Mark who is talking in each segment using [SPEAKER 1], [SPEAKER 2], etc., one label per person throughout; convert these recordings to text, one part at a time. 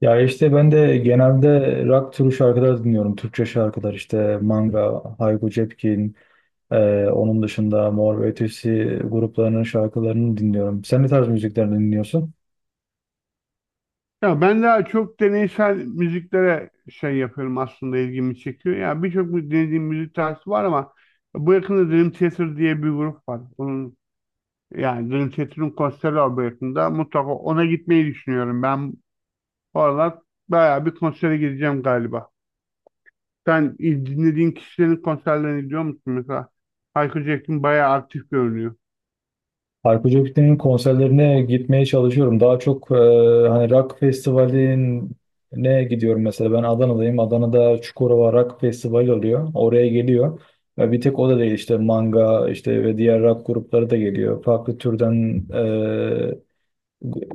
[SPEAKER 1] Ya işte ben de genelde rock türü şarkılar dinliyorum. Türkçe şarkılar işte Manga, Hayko Cepkin, onun dışında Mor ve Ötesi gruplarının şarkılarını dinliyorum. Sen ne tarz müziklerini dinliyorsun?
[SPEAKER 2] Ya ben daha çok deneysel müziklere şey yapıyorum aslında, ilgimi çekiyor. Ya dinlediğim müzik tarzı var ama bu yakında Dream Theater diye bir grup var. Onun yani Dream Theater'ın konseri var bu yakında. Mutlaka ona gitmeyi düşünüyorum. Ben bu aralar bayağı bir konsere gideceğim galiba. Sen dinlediğin kişilerin konserlerine gidiyor musun mesela? Hayko Cepkin bayağı aktif görünüyor.
[SPEAKER 1] Hayko Cepkin'in konserlerine gitmeye çalışıyorum. Daha çok hani rock festivaline gidiyorum mesela. Ben Adana'dayım. Adana'da Çukurova Rock Festivali oluyor. Oraya geliyor. Ve bir tek o da değil işte Manga işte ve diğer rock grupları da geliyor. Farklı türden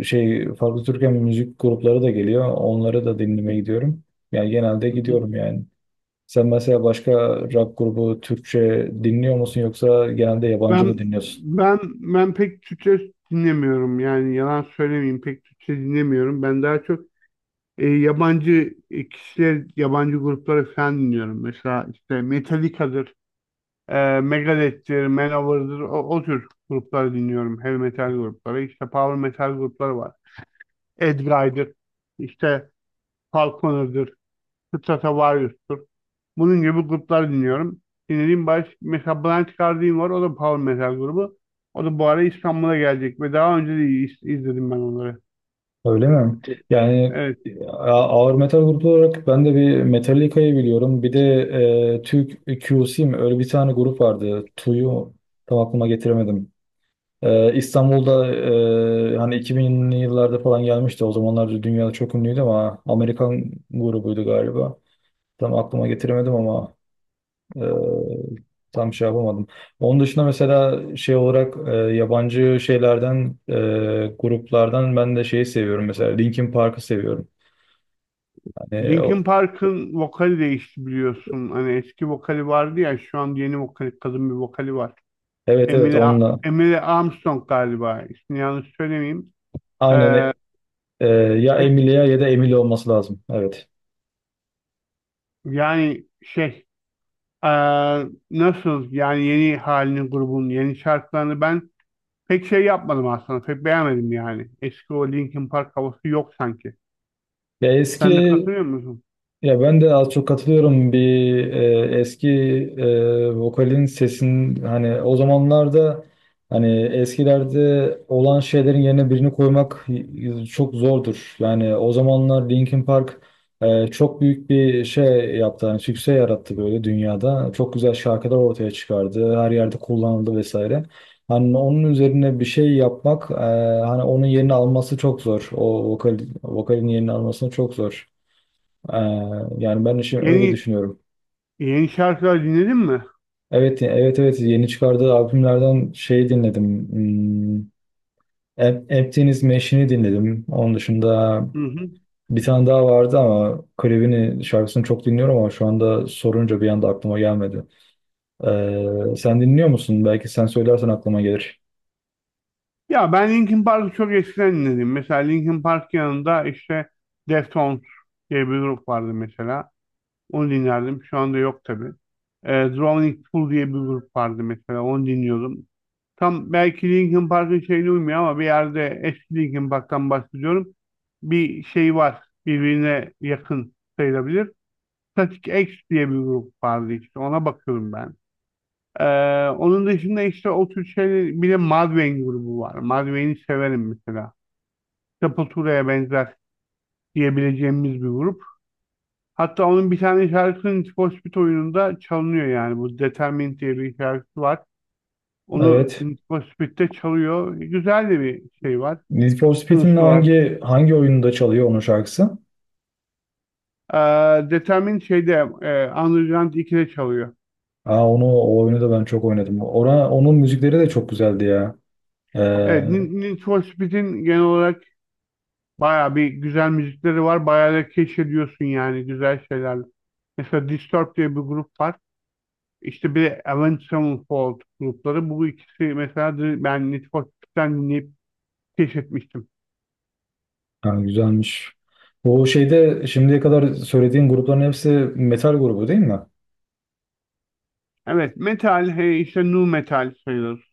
[SPEAKER 1] şey farklı Türkçe müzik grupları da geliyor. Onları da dinlemeye gidiyorum. Yani genelde
[SPEAKER 2] Hı hı.
[SPEAKER 1] gidiyorum yani. Sen mesela başka rock grubu Türkçe dinliyor musun yoksa genelde yabancı
[SPEAKER 2] Ben
[SPEAKER 1] mı dinliyorsun?
[SPEAKER 2] ben pek Türkçe dinlemiyorum, yani yalan söylemeyeyim, pek Türkçe dinlemiyorum. Ben daha çok yabancı kişiler, yabancı grupları falan dinliyorum. Mesela işte Metallica'dır, Megadeth'tir, Manowar'dır, o tür grupları dinliyorum. Heavy metal grupları. İşte power metal grupları var. Edguy'dır, işte Falconer'dır, Stratovarius'tur. Bunun gibi grupları dinliyorum. Mesela Blind Guardian var, o da power metal grubu. O da bu ara İstanbul'a gelecek ve daha önce de izledim ben onları.
[SPEAKER 1] Öyle mi? Yani
[SPEAKER 2] Evet.
[SPEAKER 1] ağır metal grubu olarak ben de bir Metallica'yı biliyorum. Bir de Türk QC mi? Öyle bir tane grup vardı. Tu'yu tam aklıma getiremedim. İstanbul'da hani 2000'li yıllarda falan gelmişti. O zamanlar dünyada çok ünlüydü ama Amerikan grubuydu galiba. Tam aklıma getiremedim ama e, tam şey yapamadım. Onun dışında mesela şey olarak yabancı şeylerden gruplardan ben de şeyi seviyorum. Mesela Linkin Park'ı seviyorum. Hani
[SPEAKER 2] Linkin
[SPEAKER 1] o,
[SPEAKER 2] Park'ın vokali değişti biliyorsun. Hani eski vokali vardı ya, şu an yeni vokali, kadın bir vokali var.
[SPEAKER 1] evet evet
[SPEAKER 2] Emily,
[SPEAKER 1] onunla.
[SPEAKER 2] Emily Armstrong galiba. İsmini yanlış söylemeyeyim.
[SPEAKER 1] Aynen
[SPEAKER 2] Ee,
[SPEAKER 1] Ee, ya Emilia ya da Emily olması lazım. Evet.
[SPEAKER 2] yani ee, nasıl yani, yeni halini, grubun yeni şarkılarını ben pek şey yapmadım aslında. Pek beğenmedim yani. Eski o Linkin Park havası yok sanki.
[SPEAKER 1] Ya eski.
[SPEAKER 2] Sen de katılıyor musun?
[SPEAKER 1] Ya ben de az çok katılıyorum bir eski vokalin sesin hani o zamanlarda hani eskilerde olan şeylerin yerine birini koymak çok zordur. Yani o zamanlar Linkin Park çok büyük bir şey yaptı. Hani sükse yarattı böyle dünyada. Çok güzel şarkılar ortaya çıkardı. Her yerde kullanıldı vesaire. Hani onun üzerine bir şey yapmak hani onun yerini alması çok zor. O vokal, vokalin yerini alması çok zor. Ee, yani ben şimdi öyle
[SPEAKER 2] Yeni
[SPEAKER 1] düşünüyorum.
[SPEAKER 2] yeni şarkılar dinledin mi?
[SPEAKER 1] Evet, evet, evet. Yeni çıkardığı albümlerden şey dinledim. Emptiness Machine'i dinledim. Onun dışında
[SPEAKER 2] Hı hı.
[SPEAKER 1] bir tane daha vardı ama klibini, şarkısını çok dinliyorum ama şu anda sorunca bir anda aklıma gelmedi. Sen dinliyor musun? Belki sen söylersen aklıma gelir.
[SPEAKER 2] Ya ben Linkin Park'ı çok eskiden dinledim. Mesela Linkin Park yanında işte Deftones diye bir grup vardı mesela. Onu dinlerdim. Şu anda yok tabii. E, Drowning Pool diye bir grup vardı mesela. Onu dinliyordum. Tam belki Linkin Park'ın şeyine uymuyor ama bir yerde eski Linkin Park'tan bahsediyorum. Bir şey var. Birbirine yakın sayılabilir. Static X diye bir grup vardı işte. Ona bakıyorum ben. E, onun dışında işte o tür şeyler, bir de Mudvayne grubu var. Mudvayne'i severim mesela. Sepultura'ya benzer diyebileceğimiz bir grup. Hatta onun bir tane şarkısının Need for Speed oyununda çalınıyor yani. Bu Determined diye bir şarkısı var. Onu
[SPEAKER 1] Evet.
[SPEAKER 2] Need for Speed'de çalıyor. Güzel de bir şey var.
[SPEAKER 1] Need for Speed'in
[SPEAKER 2] Sınıfı var.
[SPEAKER 1] hangi oyununda çalıyor onun şarkısı?
[SPEAKER 2] Determined şeyde Underground 2'de çalıyor.
[SPEAKER 1] Aa, onu o oyunu da ben çok oynadım. Onun müzikleri de çok güzeldi ya. Ee,
[SPEAKER 2] Evet, Need for Speed'in genel olarak bayağı bir güzel müzikleri var. Bayağı da keşfediyorsun yani güzel şeyler. Mesela Disturbed diye bir grup var. İşte bir de Avenged Sevenfold grupları. Bu ikisi mesela ben Need for Speed'den dinleyip keşfetmiştim.
[SPEAKER 1] Yani güzelmiş. O şeyde şimdiye kadar söylediğin grupların hepsi metal grubu değil mi?
[SPEAKER 2] Evet, metal, işte nu metal sayılır.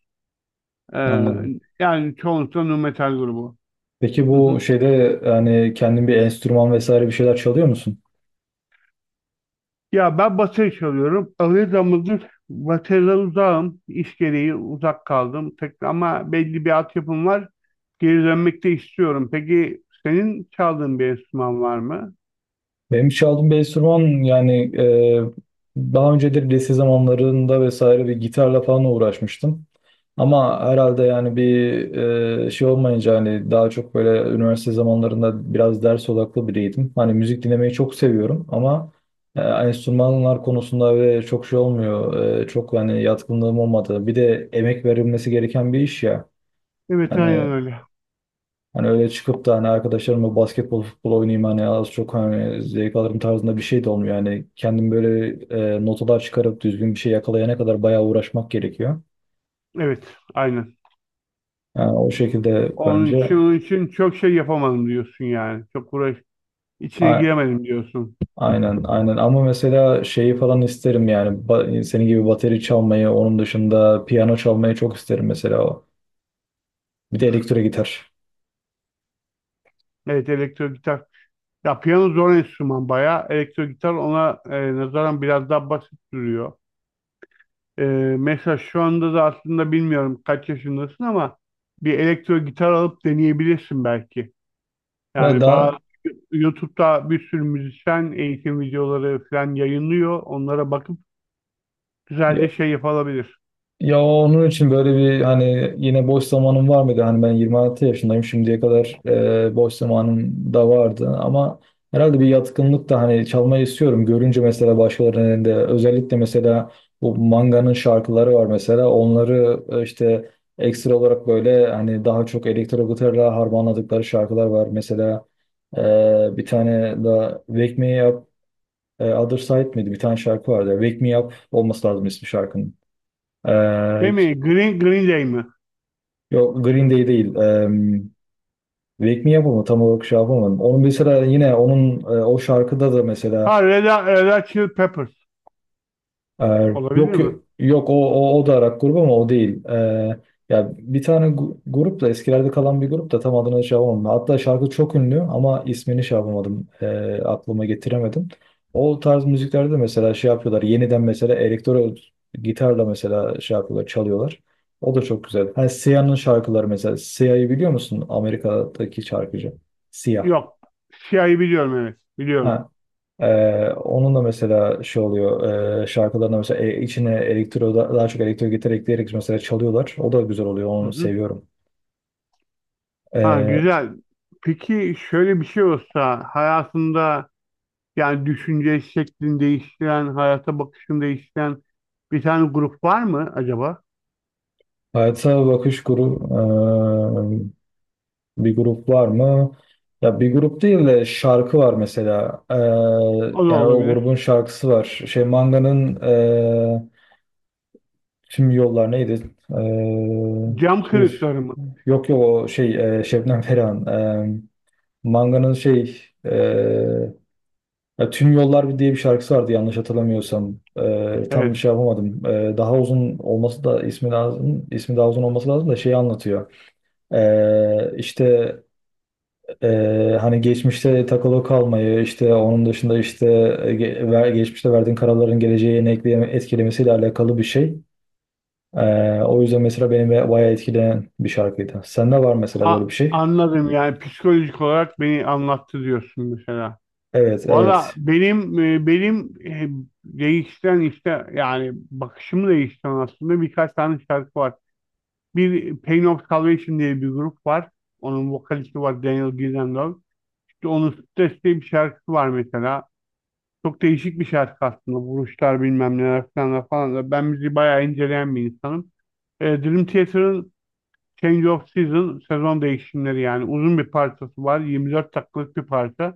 [SPEAKER 2] Ee,
[SPEAKER 1] Anladım.
[SPEAKER 2] yani çoğunlukla nu metal grubu.
[SPEAKER 1] Peki
[SPEAKER 2] Hı hı.
[SPEAKER 1] bu şeyde yani kendin bir enstrüman vesaire bir şeyler çalıyor musun?
[SPEAKER 2] Ya ben bateri çalıyorum. Ağır zamandır bateriden uzağım. İş gereği uzak kaldım. Tek, ama belli bir altyapım var. Geri dönmek de istiyorum. Peki senin çaldığın bir enstrüman var mı?
[SPEAKER 1] Benim çaldığım bir enstrüman yani daha önceleri lise zamanlarında vesaire bir gitarla falan uğraşmıştım. Ama herhalde yani bir şey olmayınca hani daha çok böyle üniversite zamanlarında biraz ders odaklı biriydim. Hani müzik dinlemeyi çok seviyorum ama hani enstrümanlar konusunda ve çok şey olmuyor. Çok hani yatkınlığım olmadı. Bir de emek verilmesi gereken bir iş ya.
[SPEAKER 2] Evet, aynen
[SPEAKER 1] Hani
[SPEAKER 2] öyle.
[SPEAKER 1] hani öyle çıkıp da hani arkadaşlarımla basketbol, futbol oynayayım hani az çok hani zevk alırım tarzında bir şey de olmuyor. Yani kendim böyle notalar çıkarıp düzgün bir şey yakalayana kadar bayağı uğraşmak gerekiyor.
[SPEAKER 2] Evet, aynen.
[SPEAKER 1] Yani o şekilde
[SPEAKER 2] Onun için,
[SPEAKER 1] bence.
[SPEAKER 2] onun için çok şey yapamadım diyorsun yani. Çok uğraş, içine
[SPEAKER 1] A-
[SPEAKER 2] giremedim diyorsun.
[SPEAKER 1] Aynen, aynen. Ama mesela şeyi falan isterim yani. Senin gibi bateri çalmayı, onun dışında piyano çalmayı çok isterim mesela. Bir de elektro gitar.
[SPEAKER 2] Evet, elektro gitar. Ya piyano zor enstrüman bayağı. Elektro gitar ona nazaran biraz daha basit duruyor. E, mesela şu anda da aslında bilmiyorum kaç yaşındasın ama bir elektro gitar alıp deneyebilirsin belki.
[SPEAKER 1] Ya
[SPEAKER 2] Yani bazı
[SPEAKER 1] da
[SPEAKER 2] YouTube'da bir sürü müzisyen eğitim videoları falan yayınlıyor. Onlara bakıp güzelce şey yapılabilir.
[SPEAKER 1] Ya onun için böyle bir hani yine boş zamanım var mıydı? Hani ben 26 yaşındayım şimdiye kadar boş zamanım da vardı ama herhalde bir yatkınlık da hani çalmayı istiyorum. Görünce mesela başkalarının elinde özellikle mesela bu Manga'nın şarkıları var mesela onları işte ekstra olarak böyle hani daha çok elektro gitarla harmanladıkları şarkılar var. Mesela bir tane da Wake Me Up Other Side miydi? Bir tane şarkı vardı. Wake Me Up olması lazım ismi şarkının.
[SPEAKER 2] Değil
[SPEAKER 1] E,
[SPEAKER 2] mi? Green Day mi?
[SPEAKER 1] Yok Green Day değil. Wake Me Up mı, tam olarak şey yapamadım. Onun mesela yine onun o şarkıda da mesela.
[SPEAKER 2] Ha Red Hot Chili Peppers.
[SPEAKER 1] Ee,
[SPEAKER 2] Olabilir
[SPEAKER 1] yok
[SPEAKER 2] mi?
[SPEAKER 1] yok o da Arak grubu ama o değil. Ya bir tane grup da eskilerde kalan bir grup da tam adını şey yapamadım. Hatta şarkı çok ünlü ama ismini şey yapamadım. Aklıma getiremedim. O tarz müziklerde mesela şey yapıyorlar. Yeniden mesela elektro gitarla mesela şey yapıyorlar, çalıyorlar. O da çok güzel. Hani Siyah'ın şarkıları mesela. Siyah'ı biliyor musun? Amerika'daki şarkıcı. Siyah.
[SPEAKER 2] Yok. Siyahı biliyorum, evet. Biliyorum.
[SPEAKER 1] Onun da mesela şey oluyor, şarkılarında mesela içine elektro daha çok elektro gitar ekleyerek mesela çalıyorlar. O da güzel oluyor.
[SPEAKER 2] Hı
[SPEAKER 1] Onu
[SPEAKER 2] hı.
[SPEAKER 1] seviyorum.
[SPEAKER 2] Ha
[SPEAKER 1] Ee,
[SPEAKER 2] güzel. Peki şöyle bir şey olsa hayatında, yani düşünce şeklini değiştiren, hayata bakışını değiştiren bir tane grup var mı acaba?
[SPEAKER 1] Hayata bakış grup, bir grup var mı? Ya bir grup değil de şarkı var mesela. Ee,
[SPEAKER 2] O da
[SPEAKER 1] yani o
[SPEAKER 2] olabilir.
[SPEAKER 1] grubun şarkısı var. Şey Manga'nın e, tüm yollar neydi? Ee,
[SPEAKER 2] Cam
[SPEAKER 1] şey-
[SPEAKER 2] kırıkları mı?
[SPEAKER 1] yok yok o şey Şebnem Ferah'ın, Manga'nın şey, ya, Tüm Yollar Bir diye bir şarkısı vardı yanlış hatırlamıyorsam. Tam bir
[SPEAKER 2] Evet.
[SPEAKER 1] şey yapamadım. Daha uzun olması da ismi lazım. İsmi daha uzun olması lazım da şeyi anlatıyor. İşte hani geçmişte takılı kalmayı, işte onun dışında işte geçmişte verdiğin kararların geleceğe ne etkilemesiyle alakalı bir şey. O yüzden mesela beni bayağı etkileyen bir şarkıydı. Sende var mesela böyle
[SPEAKER 2] A-
[SPEAKER 1] bir şey.
[SPEAKER 2] anladım, yani psikolojik olarak beni anlattı diyorsun mesela.
[SPEAKER 1] Evet,
[SPEAKER 2] Valla
[SPEAKER 1] evet.
[SPEAKER 2] değiştiren işte yani bakışımı değiştiren aslında birkaç tane şarkı var. Bir Pain of Salvation diye bir grup var. Onun vokalisti var, Daniel Gillenlow. İşte onun Stress diye bir şarkısı var mesela. Çok değişik bir şarkı aslında. Vuruşlar bilmem neler falan falan da. Ben müziği bayağı inceleyen bir insanım. E, Dream Theater'ın Change of Season, sezon değişimleri yani, uzun bir parçası var. 24 dakikalık bir parça.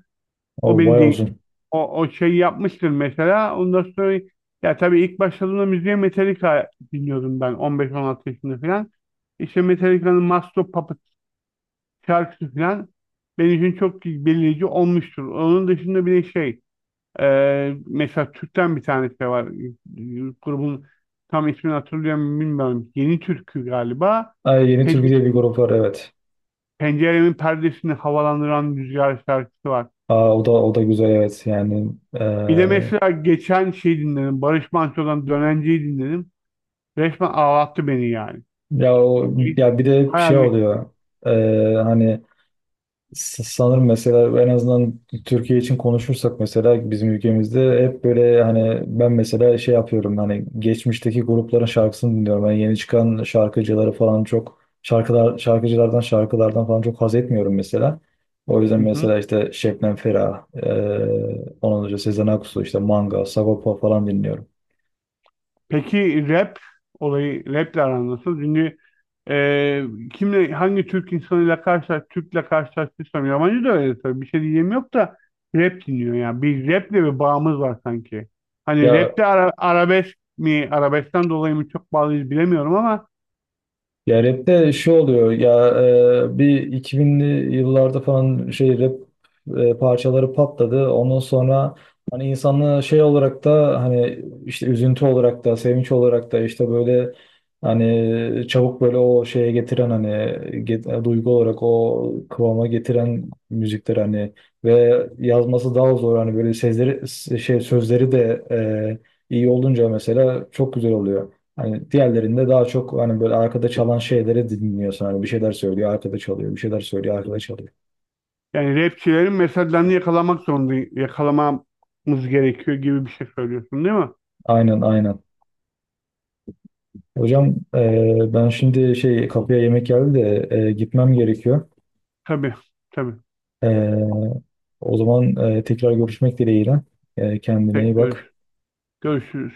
[SPEAKER 2] O
[SPEAKER 1] O
[SPEAKER 2] beni
[SPEAKER 1] bayağı
[SPEAKER 2] değil.
[SPEAKER 1] uzun.
[SPEAKER 2] O şeyi yapmıştır mesela. Ondan sonra ya tabii ilk başladığımda müziğe Metallica dinliyordum, ben 15-16 yaşında falan. İşte Metallica'nın Master of Puppets şarkısı falan benim için çok belirleyici olmuştur. Onun dışında bir de şey, mesela Türk'ten bir tanesi de var. E, grubun tam ismini hatırlıyorum bilmiyorum. Yeni Türkü galiba.
[SPEAKER 1] Ay, Yeni Türkü
[SPEAKER 2] Pence-
[SPEAKER 1] diye bir grup var, evet.
[SPEAKER 2] Penceremin perdesini havalandıran rüzgar şarkısı var.
[SPEAKER 1] Aa, o da güzel evet yani.
[SPEAKER 2] Bir de mesela geçen şey dinledim. Barış Manço'dan Dönenci'yi dinledim. Resmen ağlattı beni yani.
[SPEAKER 1] Ya o ya bir de
[SPEAKER 2] Bayağı
[SPEAKER 1] şey
[SPEAKER 2] ge-
[SPEAKER 1] oluyor. Hani sanırım mesela en azından Türkiye için konuşursak mesela bizim ülkemizde hep böyle hani ben mesela şey yapıyorum hani geçmişteki grupların şarkısını dinliyorum, ben yeni çıkan şarkıcıları falan çok şarkılar şarkıcılardan şarkılardan falan çok haz etmiyorum mesela, o yüzden
[SPEAKER 2] Hı hı.
[SPEAKER 1] mesela işte Şebnem Ferah, ondan önce Sezen Aksu işte Manga Sagopa falan dinliyorum.
[SPEAKER 2] Peki rap olayı, raple aran nasıl? Çünkü e, kimle, hangi Türk insanıyla karşılaş, Türk'le karşılaştıysam, yabancı da öyle tabii, bir şey diyeyim yok da, rap dinliyor ya. Bir raple bir bağımız var sanki. Hani
[SPEAKER 1] Ya
[SPEAKER 2] rapte arabesk mi, arabeskten dolayı mı çok bağlıyız bilemiyorum ama
[SPEAKER 1] Ya rapte şu oluyor ya, bir 2000'li yıllarda falan şey rap parçaları patladı. Ondan sonra hani insanlığı şey olarak da hani işte üzüntü olarak da sevinç olarak da işte böyle hani çabuk böyle o şeye getiren hani duygu olarak o kıvama getiren müzikler hani ve yazması daha zor hani böyle sözleri şey sözleri de iyi olunca mesela çok güzel oluyor. Hani diğerlerinde daha çok hani böyle arkada çalan şeyleri dinliyorsun. Hani bir şeyler söylüyor, arkada çalıyor, bir şeyler söylüyor, arkada çalıyor.
[SPEAKER 2] Yani rapçilerin mesajlarını yakalamak zorunda, yakalamamız gerekiyor gibi bir şey söylüyorsun değil mi?
[SPEAKER 1] Aynen aynen. Hocam ben şimdi şey kapıya yemek geldi de gitmem gerekiyor.
[SPEAKER 2] Tabii, tabii.
[SPEAKER 1] E, o zaman tekrar görüşmek dileğiyle. Kendine iyi
[SPEAKER 2] Tek
[SPEAKER 1] bak.
[SPEAKER 2] görüş. Görüşürüz.